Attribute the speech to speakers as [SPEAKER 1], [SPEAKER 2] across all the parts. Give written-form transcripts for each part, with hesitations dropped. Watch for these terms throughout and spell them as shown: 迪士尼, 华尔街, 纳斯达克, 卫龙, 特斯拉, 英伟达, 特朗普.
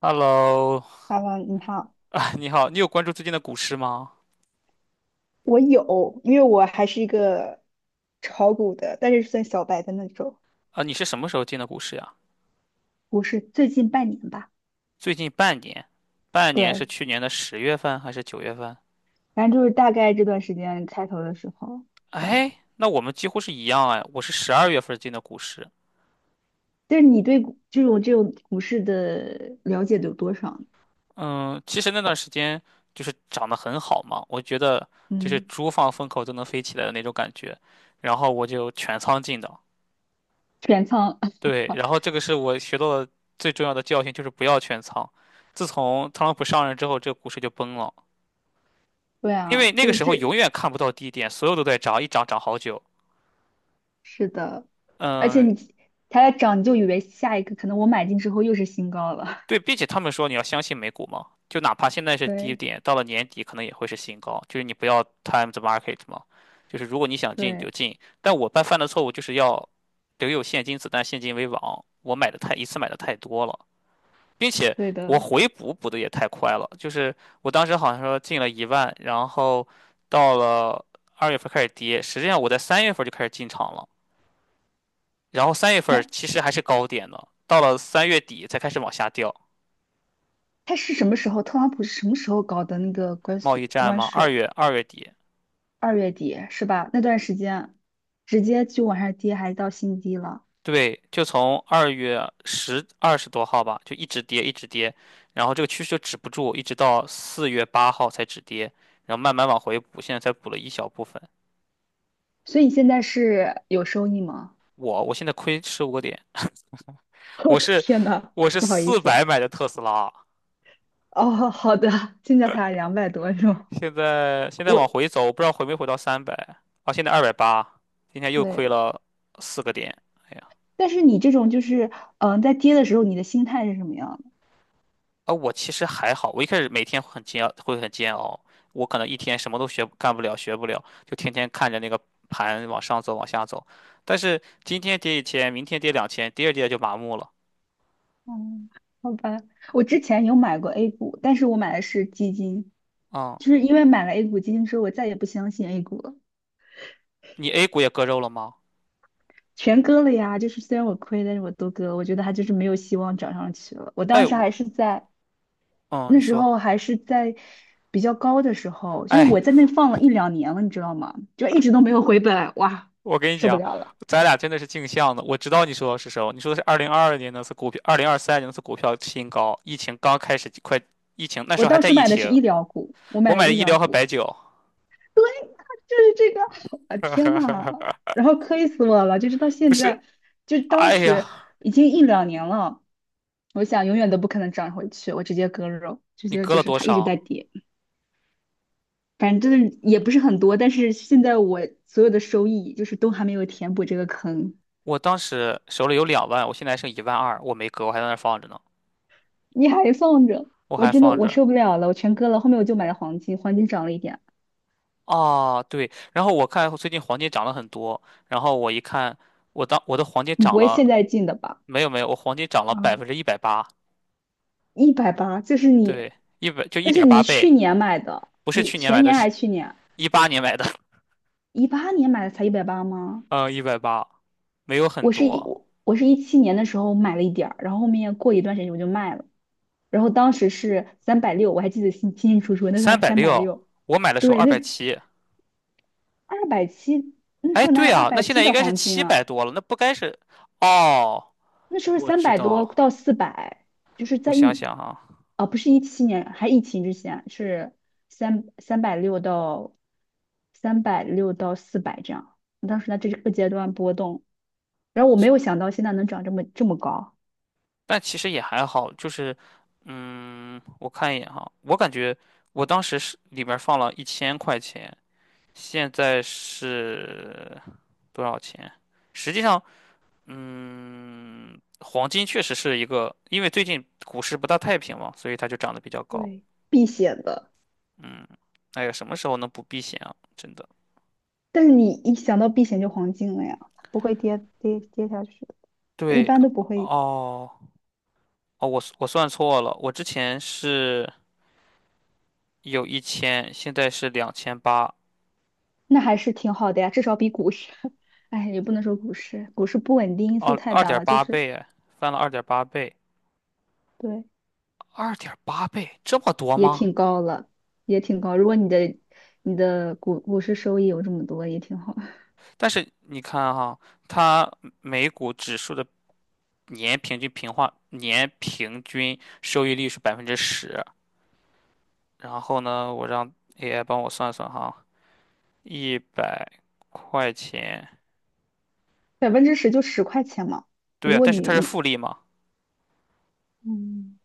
[SPEAKER 1] Hello，
[SPEAKER 2] 哈喽，你好。
[SPEAKER 1] 啊，你好，你有关注最近的股市吗？
[SPEAKER 2] 我有，因为我还是一个炒股的，但是算小白的那种。
[SPEAKER 1] 啊，你是什么时候进的股市呀？
[SPEAKER 2] 我是最近半年吧。
[SPEAKER 1] 最近半年，半年是
[SPEAKER 2] 对，
[SPEAKER 1] 去年的10月份还是9月份？
[SPEAKER 2] 反正就是大概这段时间开头的时候这样。
[SPEAKER 1] 哎，那我们几乎是一样哎，我是12月份进的股市。
[SPEAKER 2] 但是你对股这种股市的了解有多少呢？
[SPEAKER 1] 嗯，其实那段时间就是涨得很好嘛，我觉得就是
[SPEAKER 2] 嗯，
[SPEAKER 1] 猪放风口都能飞起来的那种感觉，然后我就全仓进的。
[SPEAKER 2] 全仓。
[SPEAKER 1] 对，然后这个是我学到的最重要的教训，就是不要全仓。自从特朗普上任之后，这个股市就崩了。
[SPEAKER 2] 对
[SPEAKER 1] 因为
[SPEAKER 2] 啊，
[SPEAKER 1] 那
[SPEAKER 2] 就
[SPEAKER 1] 个
[SPEAKER 2] 是
[SPEAKER 1] 时候
[SPEAKER 2] 这，
[SPEAKER 1] 永远看不到低点，所有都在涨，一涨涨好久。
[SPEAKER 2] 是的。而且
[SPEAKER 1] 嗯，
[SPEAKER 2] 你它在涨，你就以为下一个可能我买进之后又是新高了。
[SPEAKER 1] 对，并且他们说你要相信美股嘛，就哪怕现在 是低
[SPEAKER 2] 对，
[SPEAKER 1] 点，到了年底可能也会是新高，就是你不要 time the market 嘛，就是如果你想进你就
[SPEAKER 2] 对，
[SPEAKER 1] 进。但我犯的错误就是要留有现金子弹，现金为王，我买的太一次买的太多了。并且
[SPEAKER 2] 对
[SPEAKER 1] 我
[SPEAKER 2] 的。
[SPEAKER 1] 回补的也太快了，就是我当时好像说进了一万，然后到了二月份开始跌，实际上我在三月份就开始进场了。然后三月份其实还是高点呢，到了3月底才开始往下掉。
[SPEAKER 2] 他是什么时候？特朗普是什么时候搞的那个关
[SPEAKER 1] 贸
[SPEAKER 2] 税？
[SPEAKER 1] 易战
[SPEAKER 2] 关
[SPEAKER 1] 嘛，二
[SPEAKER 2] 税
[SPEAKER 1] 月二月底，
[SPEAKER 2] 二月底是吧？那段时间直接就往下跌，还到新低了。
[SPEAKER 1] 对，就从二月十二十多号吧，就一直跌一直跌，然后这个趋势就止不住，一直到4月8号才止跌，然后慢慢往回补，现在才补了一小部分。
[SPEAKER 2] 所以你现在是有收益吗？
[SPEAKER 1] 我现在亏15个点，
[SPEAKER 2] 哦，
[SPEAKER 1] 我是
[SPEAKER 2] 天呐，
[SPEAKER 1] 我是
[SPEAKER 2] 不好意
[SPEAKER 1] 400
[SPEAKER 2] 思。
[SPEAKER 1] 买的特斯拉，
[SPEAKER 2] 哦，好的，现在才两百多是吗？
[SPEAKER 1] 现在往
[SPEAKER 2] 我
[SPEAKER 1] 回走，我不知道回没回到三百，啊，现在280，今天又
[SPEAKER 2] 对。
[SPEAKER 1] 亏了4个点。哎呀。
[SPEAKER 2] 但是你这种就是在跌的时候，你的心态是什么样的？
[SPEAKER 1] 啊，我其实还好，我一开始每天会很煎熬，我可能一天什么都学不干不了，学不了，就天天看着那个盘往上走，往下走。但是今天跌一千，明天跌两千，第二跌就麻木了。
[SPEAKER 2] 嗯，好吧。我之前有买过 A 股，但是我买的是基金，
[SPEAKER 1] 嗯，
[SPEAKER 2] 就是因为买了 A 股基金之后，我再也不相信 A 股了。
[SPEAKER 1] 你 A 股也割肉了吗？
[SPEAKER 2] 全割了呀，就是虽然我亏，但是我都割了。我觉得它就是没有希望涨上去了。我
[SPEAKER 1] 哎，
[SPEAKER 2] 当时还是在
[SPEAKER 1] 嗯，你
[SPEAKER 2] 那时
[SPEAKER 1] 说，
[SPEAKER 2] 候还是在比较高的时候，就是
[SPEAKER 1] 哎，
[SPEAKER 2] 我在那放了一两年了，你知道吗？就一直都没有回本。哇，
[SPEAKER 1] 我跟你
[SPEAKER 2] 受不
[SPEAKER 1] 讲，
[SPEAKER 2] 了了。
[SPEAKER 1] 咱俩真的是镜像的。我知道你说的是什么，你说的是2022年那次股票，2023年那次股票新高，疫情刚开始，快疫情那时
[SPEAKER 2] 我
[SPEAKER 1] 候还
[SPEAKER 2] 当
[SPEAKER 1] 在
[SPEAKER 2] 时
[SPEAKER 1] 疫
[SPEAKER 2] 买的是
[SPEAKER 1] 情，
[SPEAKER 2] 医疗股，我
[SPEAKER 1] 我
[SPEAKER 2] 买的
[SPEAKER 1] 买的
[SPEAKER 2] 医
[SPEAKER 1] 医
[SPEAKER 2] 疗
[SPEAKER 1] 疗和
[SPEAKER 2] 股
[SPEAKER 1] 白酒，
[SPEAKER 2] 就是这个。啊天呐，然后亏死我了，就是到
[SPEAKER 1] 不
[SPEAKER 2] 现
[SPEAKER 1] 是，
[SPEAKER 2] 在，就当
[SPEAKER 1] 哎
[SPEAKER 2] 时
[SPEAKER 1] 呀，
[SPEAKER 2] 已经一两年了，我想永远都不可能涨回去，我直接割肉，直
[SPEAKER 1] 你
[SPEAKER 2] 接
[SPEAKER 1] 割
[SPEAKER 2] 就
[SPEAKER 1] 了
[SPEAKER 2] 是
[SPEAKER 1] 多
[SPEAKER 2] 它一直
[SPEAKER 1] 少？
[SPEAKER 2] 在跌。反正就是也不是很多，但是现在我所有的收益就是都还没有填补这个坑。
[SPEAKER 1] 我当时手里有2万，我现在还剩1.2万，我没割，我还在那儿放着呢，
[SPEAKER 2] 你还放着，
[SPEAKER 1] 我
[SPEAKER 2] 我
[SPEAKER 1] 还
[SPEAKER 2] 真的
[SPEAKER 1] 放
[SPEAKER 2] 我
[SPEAKER 1] 着。
[SPEAKER 2] 受不了了，我全割了，后面我就买了黄金，黄金涨了一点。
[SPEAKER 1] 啊，对，然后我看最近黄金涨了很多，然后我一看，我的黄金
[SPEAKER 2] 你不
[SPEAKER 1] 涨
[SPEAKER 2] 会现
[SPEAKER 1] 了，
[SPEAKER 2] 在进的吧？
[SPEAKER 1] 没有没有，我黄金涨了百
[SPEAKER 2] 啊，
[SPEAKER 1] 分之一百八，
[SPEAKER 2] 一百八，就是你，
[SPEAKER 1] 对，一百就一
[SPEAKER 2] 那是
[SPEAKER 1] 点八
[SPEAKER 2] 你
[SPEAKER 1] 倍，
[SPEAKER 2] 去年买的，
[SPEAKER 1] 不是
[SPEAKER 2] 你
[SPEAKER 1] 去年买
[SPEAKER 2] 前
[SPEAKER 1] 的，
[SPEAKER 2] 年
[SPEAKER 1] 是
[SPEAKER 2] 还是去年？
[SPEAKER 1] 一八年买的，
[SPEAKER 2] 2018年买的才一百八吗？
[SPEAKER 1] 嗯，180没有很多，
[SPEAKER 2] 我是一七年的时候买了一点儿，然后后面过一段时间我就卖了。然后当时是三百六，我还记得清清楚楚，那时候
[SPEAKER 1] 三
[SPEAKER 2] 还
[SPEAKER 1] 百
[SPEAKER 2] 三百
[SPEAKER 1] 六，
[SPEAKER 2] 六。
[SPEAKER 1] 我买的时候
[SPEAKER 2] 对，
[SPEAKER 1] 二百
[SPEAKER 2] 那
[SPEAKER 1] 七，
[SPEAKER 2] 二百七，那时
[SPEAKER 1] 哎，
[SPEAKER 2] 候哪有
[SPEAKER 1] 对
[SPEAKER 2] 二
[SPEAKER 1] 啊，那
[SPEAKER 2] 百
[SPEAKER 1] 现
[SPEAKER 2] 七
[SPEAKER 1] 在应
[SPEAKER 2] 的
[SPEAKER 1] 该是
[SPEAKER 2] 黄金
[SPEAKER 1] 七
[SPEAKER 2] 啊？
[SPEAKER 1] 百多了，那不该是，哦，
[SPEAKER 2] 那时候
[SPEAKER 1] 我
[SPEAKER 2] 三
[SPEAKER 1] 知
[SPEAKER 2] 百
[SPEAKER 1] 道
[SPEAKER 2] 多
[SPEAKER 1] 了，
[SPEAKER 2] 到四百，就是
[SPEAKER 1] 我
[SPEAKER 2] 在
[SPEAKER 1] 想
[SPEAKER 2] 一，
[SPEAKER 1] 想啊。
[SPEAKER 2] 不是一七年，还疫情之前是三三百六到360到400这样。当时在这个阶段波动，然后我没有想到现在能涨这么这么高。
[SPEAKER 1] 但其实也还好，就是，嗯，我看一眼哈，我感觉我当时是里面放了一千块钱，现在是多少钱？实际上，嗯，黄金确实是一个，因为最近股市不大太平嘛，所以它就涨得比较高。
[SPEAKER 2] 对，避险的。
[SPEAKER 1] 嗯，哎呀，什么时候能不避险啊？真的。
[SPEAKER 2] 但是你一想到避险就黄金了呀，它不会跌跌跌下去的，一
[SPEAKER 1] 对，
[SPEAKER 2] 般都不会。
[SPEAKER 1] 哦，哦，我算错了，我之前是有一千，现在是2800，
[SPEAKER 2] 那还是挺好的呀，至少比股市。哎，也不能说股市，股市不稳定因素
[SPEAKER 1] 哦，
[SPEAKER 2] 太
[SPEAKER 1] 二
[SPEAKER 2] 大
[SPEAKER 1] 点
[SPEAKER 2] 了，就
[SPEAKER 1] 八
[SPEAKER 2] 是
[SPEAKER 1] 倍哎，翻了二点八倍，
[SPEAKER 2] 对。
[SPEAKER 1] 二点八倍这么多
[SPEAKER 2] 也
[SPEAKER 1] 吗？
[SPEAKER 2] 挺高了，也挺高。如果你的你的股市收益有这么多，也挺好。
[SPEAKER 1] 但是你看哈，它美股指数的年平均收益率是百分之十，然后呢，我让 AI 帮我算算哈，100块钱，
[SPEAKER 2] 10%就10块钱嘛。
[SPEAKER 1] 对
[SPEAKER 2] 如
[SPEAKER 1] 啊，
[SPEAKER 2] 果
[SPEAKER 1] 但是
[SPEAKER 2] 你
[SPEAKER 1] 它是
[SPEAKER 2] 你
[SPEAKER 1] 复利嘛，
[SPEAKER 2] 嗯，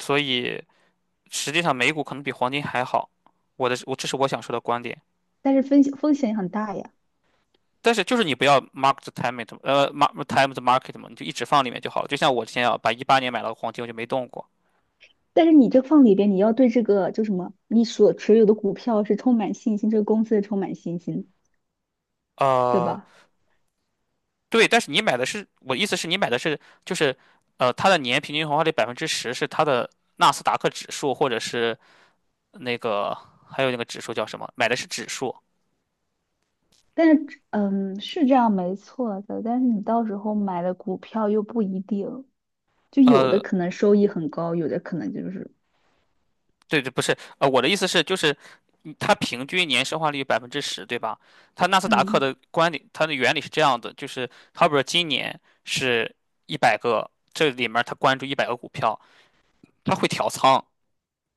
[SPEAKER 1] 所以实际上美股可能比黄金还好。我这是我想说的观点。
[SPEAKER 2] 但是风险也很大呀。
[SPEAKER 1] 但是就是你不要 mark time the market 嘛，你就一直放里面就好了。就像我之前啊，把一八年买了个黄金，我就没动过。
[SPEAKER 2] 但是你这放里边，你要对这个就什么，你所持有的股票是充满信心，这个公司是充满信心，对
[SPEAKER 1] 呃，
[SPEAKER 2] 吧？
[SPEAKER 1] 对，但是你买的是，我意思是你买的是就是，它的年平均回报率百分之十是它的纳斯达克指数，或者是那个还有那个指数叫什么？买的是指数。
[SPEAKER 2] 但是，嗯，是这样没错的，但是你到时候买的股票又不一定。就有的
[SPEAKER 1] 呃，
[SPEAKER 2] 可能收益很高，有的可能就是
[SPEAKER 1] 对对，不是，我的意思是就是。它平均年生化率百分之十，对吧？它纳斯达克
[SPEAKER 2] 嗯
[SPEAKER 1] 的观点，它的原理是这样的，就是好比说今年是一百个，这里面它关注100个股票，它会调仓，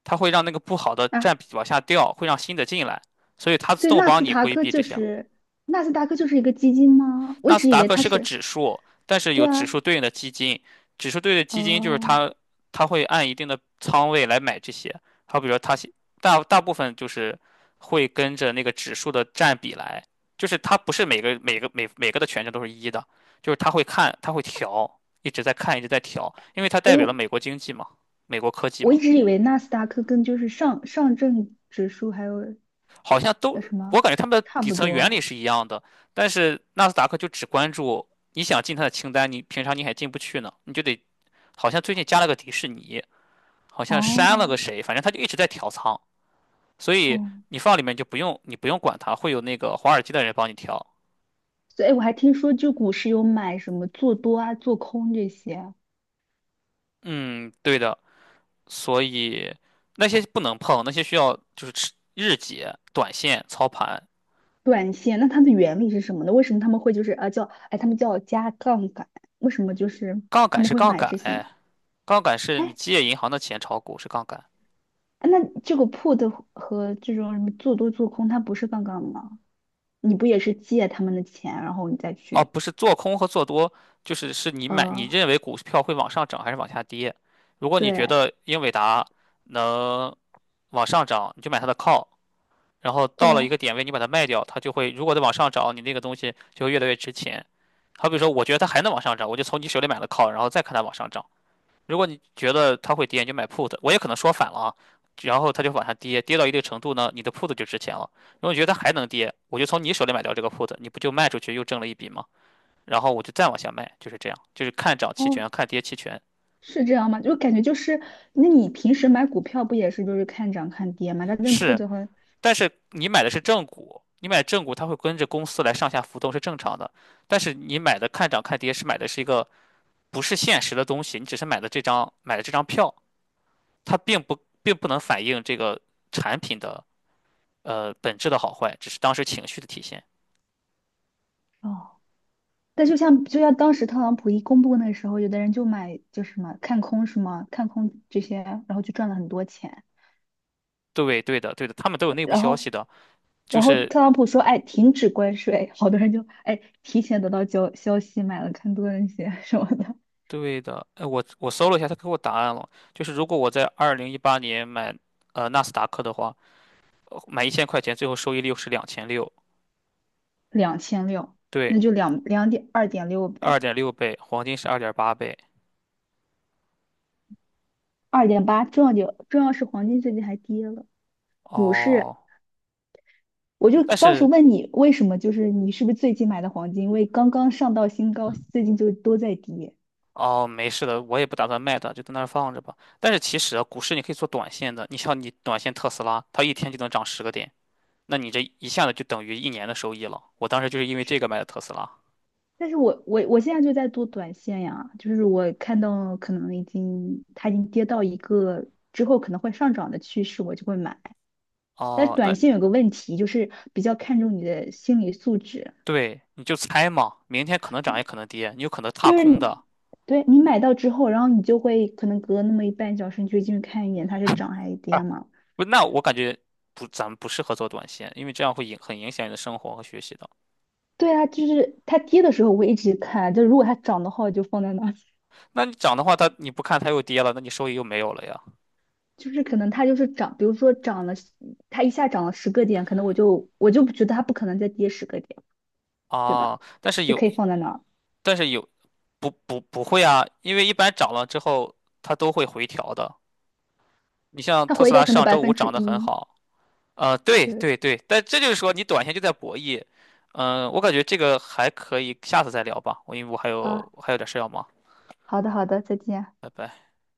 [SPEAKER 1] 它会让那个不好的占
[SPEAKER 2] 啊，
[SPEAKER 1] 比往下掉，会让新的进来，所以它自
[SPEAKER 2] 所以
[SPEAKER 1] 动
[SPEAKER 2] 纳
[SPEAKER 1] 帮
[SPEAKER 2] 斯
[SPEAKER 1] 你
[SPEAKER 2] 达
[SPEAKER 1] 规
[SPEAKER 2] 克
[SPEAKER 1] 避这
[SPEAKER 2] 就
[SPEAKER 1] 些
[SPEAKER 2] 是纳斯达克就是一个基金吗？我一
[SPEAKER 1] 纳斯
[SPEAKER 2] 直以
[SPEAKER 1] 达
[SPEAKER 2] 为
[SPEAKER 1] 克
[SPEAKER 2] 它
[SPEAKER 1] 是个
[SPEAKER 2] 是。
[SPEAKER 1] 指数，但是
[SPEAKER 2] 对
[SPEAKER 1] 有指
[SPEAKER 2] 啊，
[SPEAKER 1] 数对应的基金，指数对应的基金就是
[SPEAKER 2] 哦、
[SPEAKER 1] 它，它会按一定的仓位来买这些。好，比如说它是大部分就是会跟着那个指数的占比来，就是它不是每个的权重都是一的，就是它会看，它会调，一直在看，一直在调，因为它代
[SPEAKER 2] 诶哎，
[SPEAKER 1] 表了美国经济嘛，美国科技
[SPEAKER 2] 我
[SPEAKER 1] 嘛，
[SPEAKER 2] 一直以为纳斯达克跟就是上证指数还有
[SPEAKER 1] 好像都
[SPEAKER 2] 什
[SPEAKER 1] 我
[SPEAKER 2] 么
[SPEAKER 1] 感觉他们的
[SPEAKER 2] 差
[SPEAKER 1] 底
[SPEAKER 2] 不
[SPEAKER 1] 层原理
[SPEAKER 2] 多。
[SPEAKER 1] 是一样的，但是纳斯达克就只关注。你想进它的清单，你平常你还进不去呢，你就得好像最近加了个迪士尼，好像删了个
[SPEAKER 2] 哦
[SPEAKER 1] 谁，反正他就一直在调仓，所以
[SPEAKER 2] 哦，
[SPEAKER 1] 你放里面就不用你不用管它，会有那个华尔街的人帮你调。
[SPEAKER 2] 所以我还听说就股市有买什么做多啊、做空这些啊。
[SPEAKER 1] 嗯，对的，所以那些不能碰，那些需要就是吃日结、短线、操盘。
[SPEAKER 2] 短线，那它的原理是什么呢？为什么他们会就是啊叫，哎他们叫加杠杆？为什么就是
[SPEAKER 1] 杠
[SPEAKER 2] 他
[SPEAKER 1] 杆
[SPEAKER 2] 们
[SPEAKER 1] 是
[SPEAKER 2] 会
[SPEAKER 1] 杠
[SPEAKER 2] 买
[SPEAKER 1] 杆，
[SPEAKER 2] 这些？
[SPEAKER 1] 哎，杠杆是你
[SPEAKER 2] 哎，
[SPEAKER 1] 借银行的钱炒股是杠杆，
[SPEAKER 2] 那这个 put 和和这种什么做多做空，它不是杠杆吗？你不也是借他们的钱，然后你再
[SPEAKER 1] 哦，
[SPEAKER 2] 去
[SPEAKER 1] 不是做空和做多，就是你买你
[SPEAKER 2] 呃
[SPEAKER 1] 认为股票会往上涨还是往下跌。如果你觉
[SPEAKER 2] 对
[SPEAKER 1] 得英伟达能往上涨，你就买它的靠。然后到了一个
[SPEAKER 2] 对。
[SPEAKER 1] 点位，你把它卖掉，它就会如果再往上涨，你那个东西就会越来越值钱。好比说，我觉得它还能往上涨，我就从你手里买了 call，然后再看它往上涨。如果你觉得它会跌，你就买 put。我也可能说反了啊，然后它就往下跌，跌到一定程度呢，你的 put 就值钱了。如果你觉得它还能跌，我就从你手里买掉这个 put，你不就卖出去又挣了一笔吗？然后我就再往下卖，就是这样，就是看涨期权，
[SPEAKER 2] 哦，
[SPEAKER 1] 看跌期权，
[SPEAKER 2] 是这样吗？就感觉就是，那你平时买股票不也是就是看涨看跌吗？但是
[SPEAKER 1] 是，
[SPEAKER 2] put 和
[SPEAKER 1] 但是你买的是正股，你买正股它会跟着公司来上下浮动是正常的。但是你买的看涨看跌是买的是一个不是现实的东西，你只是买的这张票，它并不能反映这个产品的本质的好坏，只是当时情绪的体现。
[SPEAKER 2] 哦，但就像就像当时特朗普一公布那时候，有的人就买就是什么看空是吗？看空这些，然后就赚了很多钱。
[SPEAKER 1] 对，对的，对的，他们都有内部
[SPEAKER 2] 然
[SPEAKER 1] 消
[SPEAKER 2] 后
[SPEAKER 1] 息的，就
[SPEAKER 2] 然后
[SPEAKER 1] 是
[SPEAKER 2] 特朗普说，哎，停止关税，好多人就哎提前得到消息买了看多那些 什么的。
[SPEAKER 1] 对的。我搜了一下，他给我答案了，就是如果我在2018年买纳斯达克的话，买一千块钱，最后收益率是2600。
[SPEAKER 2] 2600，
[SPEAKER 1] 对，
[SPEAKER 2] 那就两两点2.6
[SPEAKER 1] 二
[SPEAKER 2] 呗，
[SPEAKER 1] 点六倍，黄金是二点八倍。
[SPEAKER 2] 2.8。重要是黄金最近还跌了，股市。
[SPEAKER 1] 哦，
[SPEAKER 2] 我就
[SPEAKER 1] 但
[SPEAKER 2] 当时
[SPEAKER 1] 是
[SPEAKER 2] 问你为什么，就是你是不是最近买的黄金，因为刚刚上到新高，最近就都在跌。
[SPEAKER 1] 哦，没事的，我也不打算卖它，就在那儿放着吧。但是其实啊，股市你可以做短线的，你像你短线特斯拉，它一天就能涨10个点，那你这一下子就等于一年的收益了。我当时就是因为
[SPEAKER 2] 是。
[SPEAKER 1] 这个买的特斯拉。
[SPEAKER 2] 但是我现在就在做短线呀，就是我看到可能已经它已经跌到一个之后可能会上涨的趋势，我就会买。但是
[SPEAKER 1] 哦，
[SPEAKER 2] 短
[SPEAKER 1] 那
[SPEAKER 2] 线有个问题，就是比较看重你的心理素质。
[SPEAKER 1] 对，你就猜嘛，明天可能涨也可能跌，你有可能踏
[SPEAKER 2] 就是
[SPEAKER 1] 空
[SPEAKER 2] 你
[SPEAKER 1] 的。
[SPEAKER 2] 对你买到之后，然后你就会可能隔那么一半小时，你就进去看一眼它是涨还是
[SPEAKER 1] 啊，
[SPEAKER 2] 跌嘛。
[SPEAKER 1] 不，那我感觉不，咱们不适合做短线，因为这样会影响你的生活和学习的。
[SPEAKER 2] 对啊，就是它跌的时候我一直看，就如果它涨的话我就放在那儿。
[SPEAKER 1] 那你涨的话，它你不看它又跌了，那你收益又没有了呀。
[SPEAKER 2] 就是可能它就是涨，比如说涨了，它一下涨了十个点，可能我就不觉得它不可能再跌十个点。对吧？
[SPEAKER 1] 啊，
[SPEAKER 2] 就可以放在那儿，
[SPEAKER 1] 但是有不会啊，因为一般涨了之后它都会回调的。你像
[SPEAKER 2] 它
[SPEAKER 1] 特
[SPEAKER 2] 回
[SPEAKER 1] 斯
[SPEAKER 2] 调
[SPEAKER 1] 拉
[SPEAKER 2] 可能
[SPEAKER 1] 上
[SPEAKER 2] 百
[SPEAKER 1] 周五
[SPEAKER 2] 分之
[SPEAKER 1] 涨得很
[SPEAKER 2] 一。
[SPEAKER 1] 好，对
[SPEAKER 2] 对，
[SPEAKER 1] 对对，但这就是说你短线就在博弈，嗯、我感觉这个还可以，下次再聊吧，我因为我
[SPEAKER 2] 啊，
[SPEAKER 1] 还有点事要忙，
[SPEAKER 2] 好的，好的，再见。
[SPEAKER 1] 拜拜。